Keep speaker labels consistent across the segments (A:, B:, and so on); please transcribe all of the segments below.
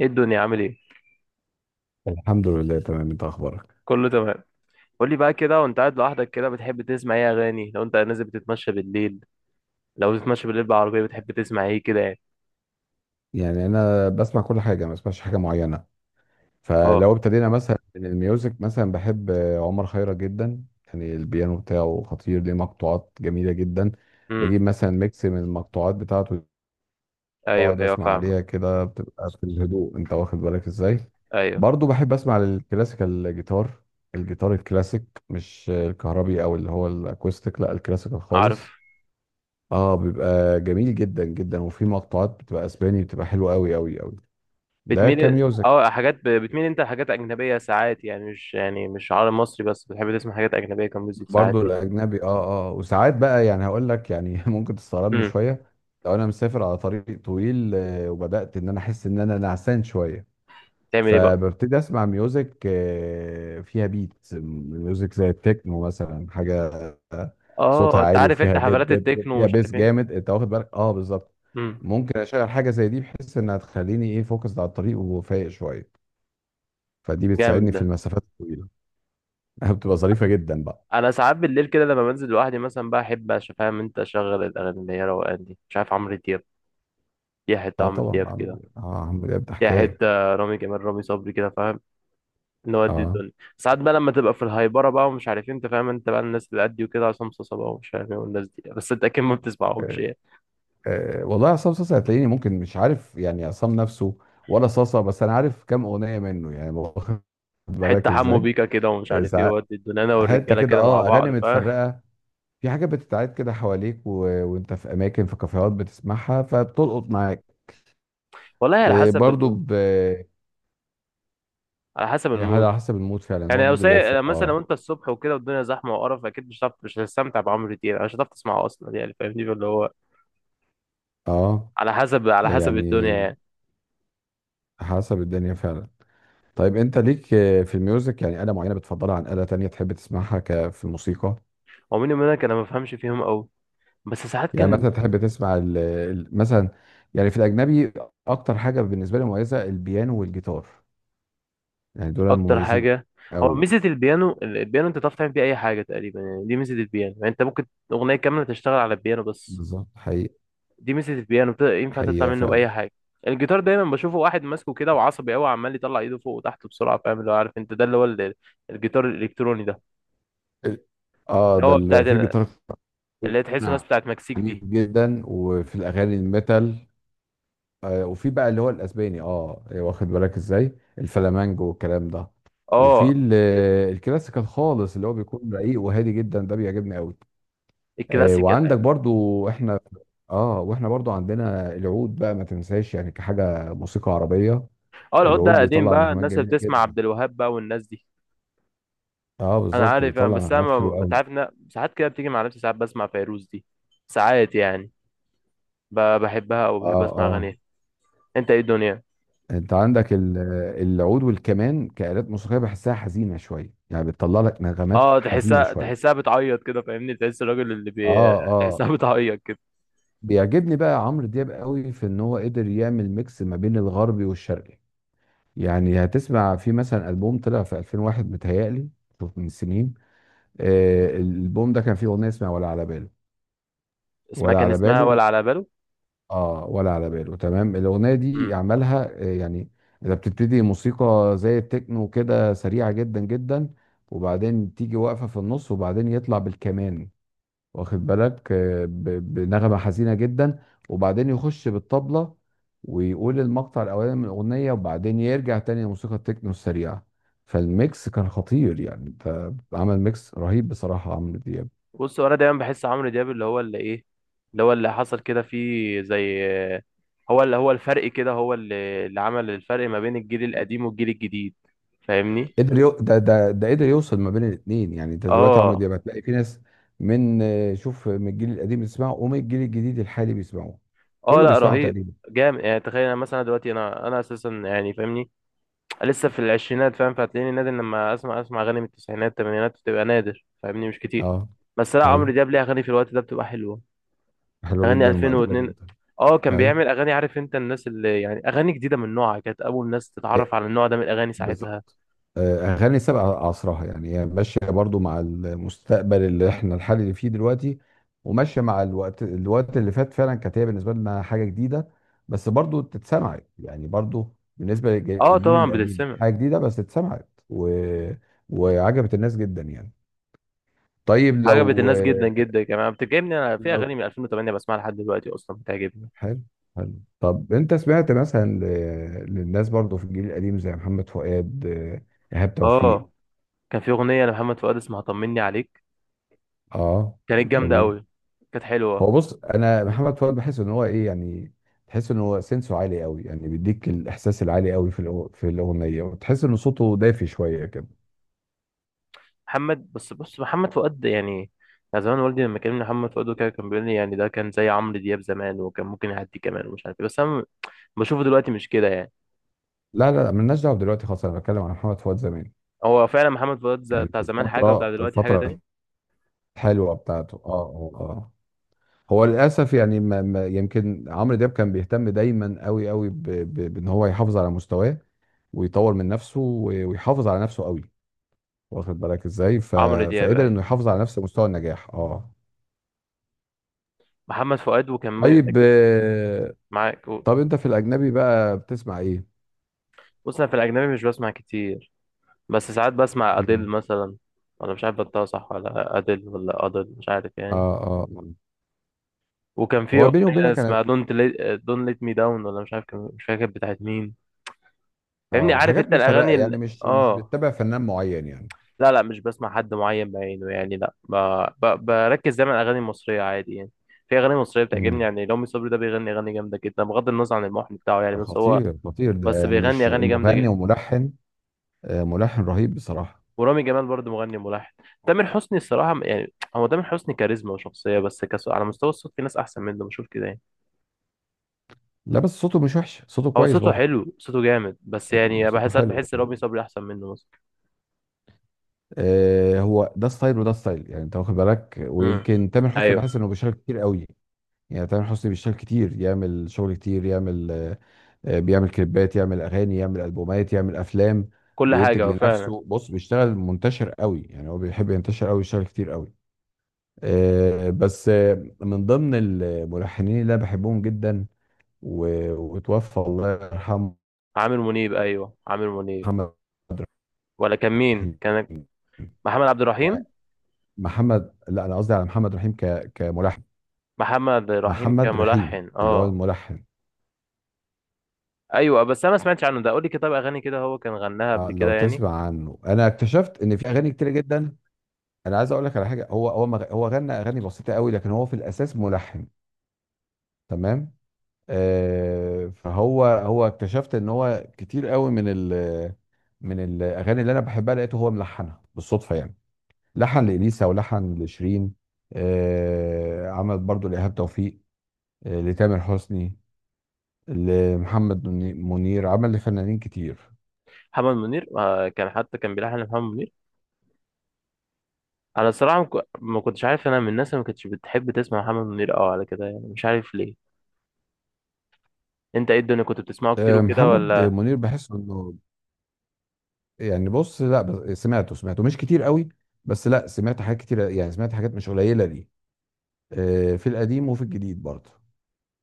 A: ايه الدنيا، عامل ايه؟
B: الحمد لله تمام. انت اخبارك؟
A: كله تمام. قول لي بقى، كده وانت قاعد لوحدك كده بتحب تسمع ايه اغاني؟ لو انت نازل بتتمشى بالليل، لو بتتمشى بالليل بالعربيه بتحب تسمع ايه كده يعني؟
B: يعني انا بسمع كل حاجه، ما بسمعش حاجه معينه.
A: اه.
B: فلو ابتدينا مثلا من الميوزك، مثلا بحب عمر خيرت جدا. يعني البيانو بتاعه خطير، ليه مقطوعات جميله جدا.
A: امم.
B: بجيب مثلا ميكس من المقطوعات بتاعته،
A: ايوه،
B: بقعد
A: ايوه،
B: اسمع
A: فاهمك.
B: عليها كده، بتبقى في الهدوء، انت واخد بالك ازاي.
A: ايوه.
B: برضو بحب اسمع الكلاسيكال جيتار، الجيتار الكلاسيك، مش الكهربي او اللي هو الاكوستيك، لا الكلاسيكال
A: عارف.
B: خالص. اه بيبقى جميل جدا جدا، وفي مقطوعات بتبقى اسباني، بتبقى حلوه قوي قوي قوي. ده
A: بتميل
B: كميوزك.
A: اه حاجات بتميل انت لحاجات اجنبيه ساعات، يعني مش، يعني مش عربي مصري، بس بتحب تسمع حاجات اجنبيه كميوزك ساعات
B: برضو
A: يعني.
B: الاجنبي اه اه. وساعات بقى يعني هقول لك يعني، ممكن تستغربني
A: امم.
B: شويه. لو انا مسافر على طريق طويل وبدات ان انا احس ان انا نعسان شويه،
A: تعمل ايه بقى؟
B: فببتدي اسمع ميوزك فيها بيت ميوزك زي التكنو مثلا، حاجه صوتها
A: اه، انت
B: عالي
A: عارف انت
B: وفيها دب
A: حفلات
B: دب دب،
A: التكنو
B: فيها
A: ومش
B: بيس
A: عارف ايه.
B: جامد، انت واخد بالك. اه بالظبط.
A: امم.
B: ممكن اشغل حاجه زي دي بحيث انها تخليني ايه، فوكس على الطريق وفايق شويه. فدي
A: جامد
B: بتساعدني في
A: ده.
B: المسافات الطويله. بتبقى ظريفه جدا بقى.
A: انا ساعات بالليل كده لما بنزل لوحدي مثلا بقى احب فاهم انت، اشغل الاغاني اللي هي روقان دي، مش عارف، عمرو دياب. يا حته
B: اه
A: عمرو
B: طبعا
A: دياب كده.
B: بعمل اه، عم ده
A: يا
B: حكايه.
A: حته. رامي جمال، رامي صبري كده، فاهم. نودي
B: اه
A: الدنيا. ساعات بقى لما تبقى في الهايبره بقى ومش عارف إيه، انت فاهم، انت بقى الناس اللي قدي وكده، عصام صاصا بقى ومش عارف ايه والناس دي، بس انت اكيد ما بتسمعهمش
B: آه،
A: يعني.
B: والله عصام صاصا هتلاقيني ممكن مش عارف يعني عصام نفسه ولا صاصا، بس انا عارف كام اغنيه منه يعني، واخد
A: حته
B: بالك
A: حمو
B: ازاي.
A: بيكا كده ومش عارف ايه،
B: ساعات
A: ودي الدنيا انا
B: حته
A: والرجاله
B: كده
A: كده مع
B: اه، اغاني
A: بعض، فاهم.
B: متفرقه. في حاجات بتتعاد كده حواليك وانت في اماكن، في كافيهات بتسمعها فبتلقط معاك.
A: والله على
B: إيه
A: حسب
B: برضو
A: المود.
B: ب...
A: على حسب
B: هي
A: المود.
B: على حسب المود فعلا، هو
A: يعني لو
B: المود اللي
A: سايق
B: يفرق
A: مثلا، لو
B: اه.
A: انت الصبح وكده والدنيا زحمه وقرف، اكيد مش هتعرف، مش هتستمتع بعمرو دياب، مش هتعرف تسمعه اصلا يعني، فاهمني اللي هو،
B: اه،
A: على حسب
B: يعني
A: الدنيا يعني.
B: حسب الدنيا فعلا. طيب انت ليك في الميوزك يعني آلة معينة بتفضلها عن آلة تانية تحب تسمعها في الموسيقى؟
A: هو مين منك؟ انا ما بفهمش فيهم قوي، بس ساعات
B: يعني
A: كان.
B: مثلا تحب تسمع مثلا يعني في الأجنبي؟ أكتر حاجة بالنسبة لي مميزة البيانو والجيتار، يعني دول
A: اكتر
B: مميزين
A: حاجه. هو
B: قوي.
A: ميزه البيانو، البيانو انت تعرف تعمل بيه اي حاجه تقريبا يعني، دي ميزه البيانو يعني، انت ممكن اغنيه كامله تشتغل على البيانو بس.
B: بالظبط حقيقي.
A: دي ميزه البيانو، ينفع تطلع
B: حقيقة
A: منه
B: فعلا.
A: باي حاجه. الجيتار دايما بشوفه واحد ماسكه كده وعصبي قوي، عمال يطلع ايده فوق وتحت بسرعه، فاهم اللي هو، عارف انت ده اللي هو. الجيتار الالكتروني ده،
B: ال- اه
A: اللي
B: ده
A: هو بتاع،
B: اللي فيه جيتار
A: اللي هي تحس الناس بتاعت مكسيك دي.
B: عنيف جدا، وفي الاغاني الميتال. آه وفي بقى اللي هو الاسباني اه واخد بالك ازاي، الفلامانجو والكلام ده. وفي
A: اه.
B: ال- الكلاسيكال خالص اللي هو بيكون رقيق وهادي جدا، ده بيعجبني قوي. آه
A: الكلاسيكال
B: وعندك
A: يعني.
B: برضو احنا، اه واحنا برضو عندنا العود بقى ما تنساش، يعني كحاجة موسيقى عربية.
A: اه، العود ده
B: العود
A: قديم
B: بيطلع
A: بقى،
B: نغمات
A: الناس اللي
B: جميلة
A: بتسمع
B: جدا.
A: عبد الوهاب بقى والناس دي.
B: اه
A: انا
B: بالظبط
A: عارف يعني،
B: بيطلع
A: بس انا
B: نغمات حلوة
A: انت
B: قوي.
A: عارف ان ساعات كده بتيجي مع نفسي ساعات بسمع فيروز دي، ساعات يعني، بحبها او بحب
B: اه
A: اسمع
B: اه.
A: اغانيها. انت ايه الدنيا؟
B: انت عندك العود والكمان كآلات موسيقية بحسها حزينة شوية، يعني بتطلع لك نغمات
A: اه،
B: حزينة
A: تحسها
B: شوية.
A: تحسها بتعيط كده، فاهمني، تحس الراجل اللي.
B: اه اه.
A: تحسها بتعيط كده.
B: بيعجبني بقى عمرو دياب قوي في ان هو قدر يعمل ميكس ما بين الغربي والشرقي. يعني هتسمع في مثلا ألبوم طلع في 2001 متهيألي، شوف من سنين. آه الألبوم ده كان فيه أغنية اسمها ولا على باله.
A: اسمها
B: ولا
A: كان
B: على
A: اسمها
B: باله.
A: ولا على
B: اه ولا على باله تمام. الاغنيه دي
A: باله.
B: عملها يعني اذا بتبتدي موسيقى زي التكنو كده سريعه جدا جدا، وبعدين تيجي واقفه في النص، وبعدين يطلع بالكمان، واخد بالك بنغمه حزينه جدا، وبعدين يخش بالطبله ويقول المقطع الاولاني من الاغنيه، وبعدين يرجع تاني لموسيقى التكنو السريعه. فالميكس كان خطير يعني، انت عمل ميكس رهيب بصراحه عمرو دياب.
A: بص، هو انا دايما بحس عمرو دياب اللي هو اللي ايه، اللي هو اللي حصل كده فيه زي، هو اللي هو الفرق كده، هو اللي عمل الفرق ما بين الجيل القديم والجيل الجديد، فاهمني.
B: قدر يو... ده ده ده قدر يوصل ما بين الاثنين. يعني انت دلوقتي عمرو
A: اه.
B: دياب هتلاقي في ناس من شوف، من الجيل القديم بيسمعه، ومن الجيل الجديد الحالي بيسمعوه.
A: اه،
B: كله
A: لا
B: بيسمعه
A: رهيب.
B: تقريبا.
A: جامد يعني، تخيل انا مثلا دلوقتي انا اساسا يعني، فاهمني، لسه في العشرينات، فاهم، فهتلاقيني نادر لما اسمع اغاني من التسعينات، الثمانينات بتبقى نادر، فاهمني، مش كتير.
B: اه
A: بس لا، عمرو
B: ايوه.
A: دياب ليه اغاني في الوقت ده بتبقى حلوه.
B: حلوه
A: اغاني
B: جدا ومقبوله
A: 2002.
B: جدا.
A: اه، كان
B: ايوه
A: بيعمل اغاني، عارف انت الناس اللي يعني، اغاني جديده من نوعها، كانت اول ناس تتعرف على النوع ده من الاغاني ساعتها.
B: بالظبط. اغاني سابقه عصرها يعني، هي ماشيه برضو مع المستقبل اللي احنا الحالي اللي فيه دلوقتي، وماشيه مع الوقت. الوقت اللي فات فعلا كانت هي بالنسبه لنا حاجه جديده، بس برضو تتسمع يعني. برضو بالنسبه
A: اه
B: للجيل
A: طبعا
B: القديم
A: بتتسمع.
B: حاجه جديده، بس اتسمعت وعجبت الناس جدا يعني. طيب
A: عجبت
B: لو،
A: الناس جدا جدا، كمان بتعجبني انا في
B: لو،
A: اغاني من 2008 بسمعها لحد دلوقتي، اصلا بتعجبني.
B: حلو حلو. طب انت سمعت مثلا للناس برضو في الجيل القديم زي محمد فؤاد ايهاب توفيق؟
A: اه، كان في اغنيه لمحمد فؤاد اسمها طمني عليك.
B: اه
A: كانت جامده
B: جميل.
A: قوي. كانت
B: هو
A: حلوه.
B: بص انا محمد فؤاد بحس ان هو ايه يعني، تحس ان هو سنسه عالي قوي، يعني بيديك الاحساس العالي قوي في في الاغنيه، وتحس ان صوته دافي شويه كده.
A: محمد، بس بص، محمد فؤاد يعني، يعني زمان والدي لما كلمني محمد فؤاد وكده كان بيقول لي يعني ده كان زي عمرو دياب زمان، وكان ممكن يعدي كمان ومش عارف ايه، بس انا بشوفه دلوقتي مش كده يعني.
B: لا لا مالناش دعوه دلوقتي خالص، انا بتكلم عن محمد فؤاد زمان.
A: هو فعلا محمد فؤاد
B: يعني
A: بتاع
B: في
A: زمان حاجة وبتاع
B: الفتره،
A: دلوقتي حاجة
B: الفتره
A: تانية.
B: الحلوه بتاعته اه اه اه. هو للاسف يعني، ما ما يمكن عمرو دياب كان بيهتم دايما قوي قوي بان هو يحافظ على مستواه ويطور من نفسه ويحافظ على نفسه قوي، واخد بالك ازاي.
A: عمرو دياب
B: فقدر
A: أيوة.
B: انه يحافظ على نفس مستوى النجاح اه.
A: محمد فؤاد وكان
B: طيب
A: معاك
B: طب انت في الاجنبي بقى بتسمع ايه؟
A: بص، أنا في الأجنبي مش بسمع كتير، بس ساعات بسمع أديل
B: مم.
A: مثلا. ولا مش عارف بنطقها صح، ولا أديل ولا أدل، مش عارف
B: اه
A: يعني.
B: اه
A: وكان في
B: هو بيني
A: أغنية
B: وبينك انا،
A: اسمها دونت ليت مي داون، ولا مش عارف، كان مش فاكر بتاعت مين. فاهمني،
B: اه
A: عارف
B: حاجات
A: أنت
B: متفرقه
A: الأغاني.
B: يعني،
A: ال...
B: مش مش
A: آه
B: بتتبع فنان معين يعني.
A: لا، لا، مش بسمع حد معين بعينه يعني، لا، بركز دايما على الاغاني المصريه عادي يعني. في اغاني مصريه بتعجبني
B: مم.
A: يعني، رامي صبري ده بيغني اغاني جامده جدا بغض النظر عن المحن بتاعه يعني، بس هو،
B: خطير، خطير
A: بس
B: ده
A: بيغني
B: مش
A: اغاني جامده
B: مغني
A: جدا.
B: وملحن. آه ملحن رهيب بصراحه.
A: ورامي جمال برضه مغني ملحن. تامر حسني الصراحه، يعني، هو تامر حسني كاريزما وشخصيه، بس على مستوى الصوت في ناس احسن منه بشوف كده يعني.
B: لا بس صوته مش وحش، صوته
A: هو
B: كويس
A: صوته
B: برضه.
A: حلو، صوته جامد، بس
B: صوته
A: يعني
B: صوته
A: بحس ساعات
B: حلو.
A: بحس رامي صبري احسن منه مثلا.
B: آه هو ده ستايل وده ستايل، يعني انت واخد بالك.
A: امم.
B: ويمكن تامر حسني بحس
A: ايوه.
B: انه بيشارك كتير قوي. يعني تامر حسني بيشتغل كتير، يعمل شغل كتير، يعمل بيعمل كليبات، يعمل اغاني، يعمل البومات، يعمل افلام،
A: كل حاجه
B: بينتج
A: هو فعلا.
B: لنفسه. بص بيشتغل منتشر قوي يعني، هو بيحب ينتشر قوي يشتغل كتير قوي. بس من ضمن الملحنين اللي انا بحبهم جدا وتوفى الله يرحمه،
A: عامر منيب؟ ايوه عامر منيب.
B: محمد
A: ولا كان مين؟
B: رحيم.
A: كان محمد عبد
B: يعني
A: الرحيم.
B: محمد، لا انا قصدي على محمد رحيم كملحن.
A: محمد رحيم
B: محمد رحيم
A: كملحن،
B: اللي هو
A: اه.
B: الملحن.
A: ايوه، بس انا ما سمعتش عنه ده، قول لي كده، طب اغاني كده هو كان غناها قبل كده
B: لو
A: يعني؟
B: تسمع عنه، انا اكتشفت ان في اغاني كتير جدا. انا عايز اقول لك على حاجه، هو غنى اغاني بسيطه قوي، لكن هو في الاساس ملحن، تمام. آه فهو اكتشفت ان هو كتير قوي من من الاغاني اللي انا بحبها لقيته هو ملحنها بالصدفه يعني. لحن لاليسا ولحن لشيرين. آه عمل برضو لايهاب توفيق، آه لتامر حسني، منير، عمل لفنانين كتير.
A: محمد منير كان حتى كان بيلحن محمد منير. انا الصراحه ما كنتش عارف، انا من الناس اللي ما كنتش بتحب تسمع محمد منير على كده يعني، مش عارف ليه. انت ايه الدنيا، كنت بتسمعه كتير
B: آه
A: وكده
B: محمد
A: ولا؟
B: منير بحس انه يعني، بص لا سمعته، سمعته مش كتير قوي. بس لا سمعت حاجات كتير يعني، سمعت حاجات مش قليله ليه في القديم وفي الجديد برضه.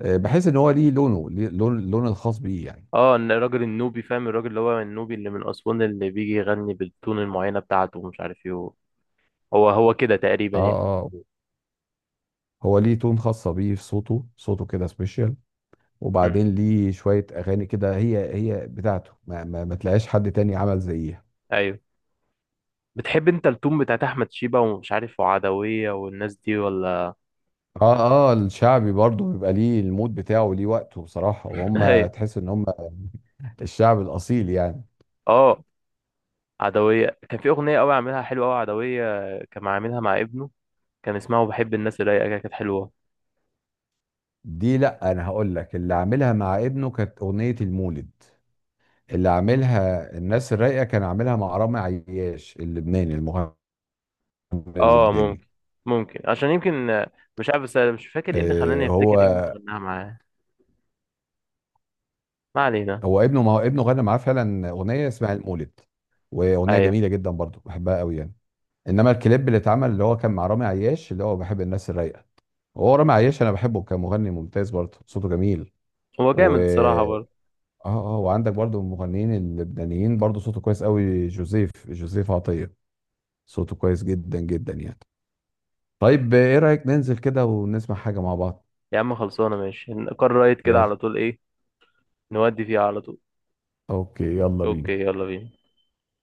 B: بحس ان هو ليه لونه، ليه لون، اللون الخاص بيه يعني.
A: اه، إن الراجل النوبي، فاهم الراجل اللي هو النوبي اللي من اسوان اللي بيجي يغني بالتون المعينه بتاعته ومش عارف ايه، هو هو كده
B: اه
A: تقريبا يعني.
B: اه. هو ليه تون خاصه بيه في صوته، صوته كده سبيشال.
A: امم.
B: وبعدين ليه شويه اغاني كده هي هي بتاعته، ما تلاقيش حد تاني عمل زيها.
A: ايوه. بتحب انت التون بتاعت احمد شيبه ومش عارف، وعدويه والناس دي ولا؟
B: اه اه الشعبي برضه بيبقى ليه المود بتاعه وليه وقته بصراحه، وهم
A: ايوه.
B: تحس ان هم الشعب الاصيل يعني.
A: اه. عدوية كان في أغنية أوي عاملها حلوة أوي عدوية. كان عاملها مع ابنه. كان اسمها وبحب الناس الرايقة كده، كانت حلوة.
B: دي لا انا هقول لك، اللي عاملها مع ابنه كانت اغنيه المولد. اللي
A: مم.
B: عاملها الناس الرايقه كان عاملها مع رامي عياش، اللبناني المغني
A: اه، ممكن،
B: اللبناني.
A: ممكن عشان يمكن، مش عارف، بس أنا مش فاكر ايه اللي
B: آه،
A: خلاني افتكر ابنه
B: هو
A: غناها معاه. ما علينا.
B: هو ابنه، ما هو ابنه غنى معاه فعلا اغنيه اسمها المولد، واغنيه
A: ايوه.
B: جميله جدا برضو بحبها قوي يعني. انما الكليب اللي اتعمل اللي هو كان مع رامي عياش، اللي هو بحب الناس الرايقه. هو رامي عياش انا بحبه كمغني ممتاز برضه، صوته جميل.
A: هو
B: و
A: جامد الصراحة برضه.
B: اه اه، وعندك برضه من المغنيين اللبنانيين برضه صوته كويس قوي، جوزيف عطية، صوته كويس جدا جدا يعني. طيب ايه رأيك ننزل كده ونسمع حاجة مع بعض؟
A: يا عم خلصانة ماشي، نقرر رايت كده
B: يلا،
A: على طول، ايه؟ نودي فيها على طول.
B: اوكي يلا
A: اوكي
B: بينا.
A: يلا بينا.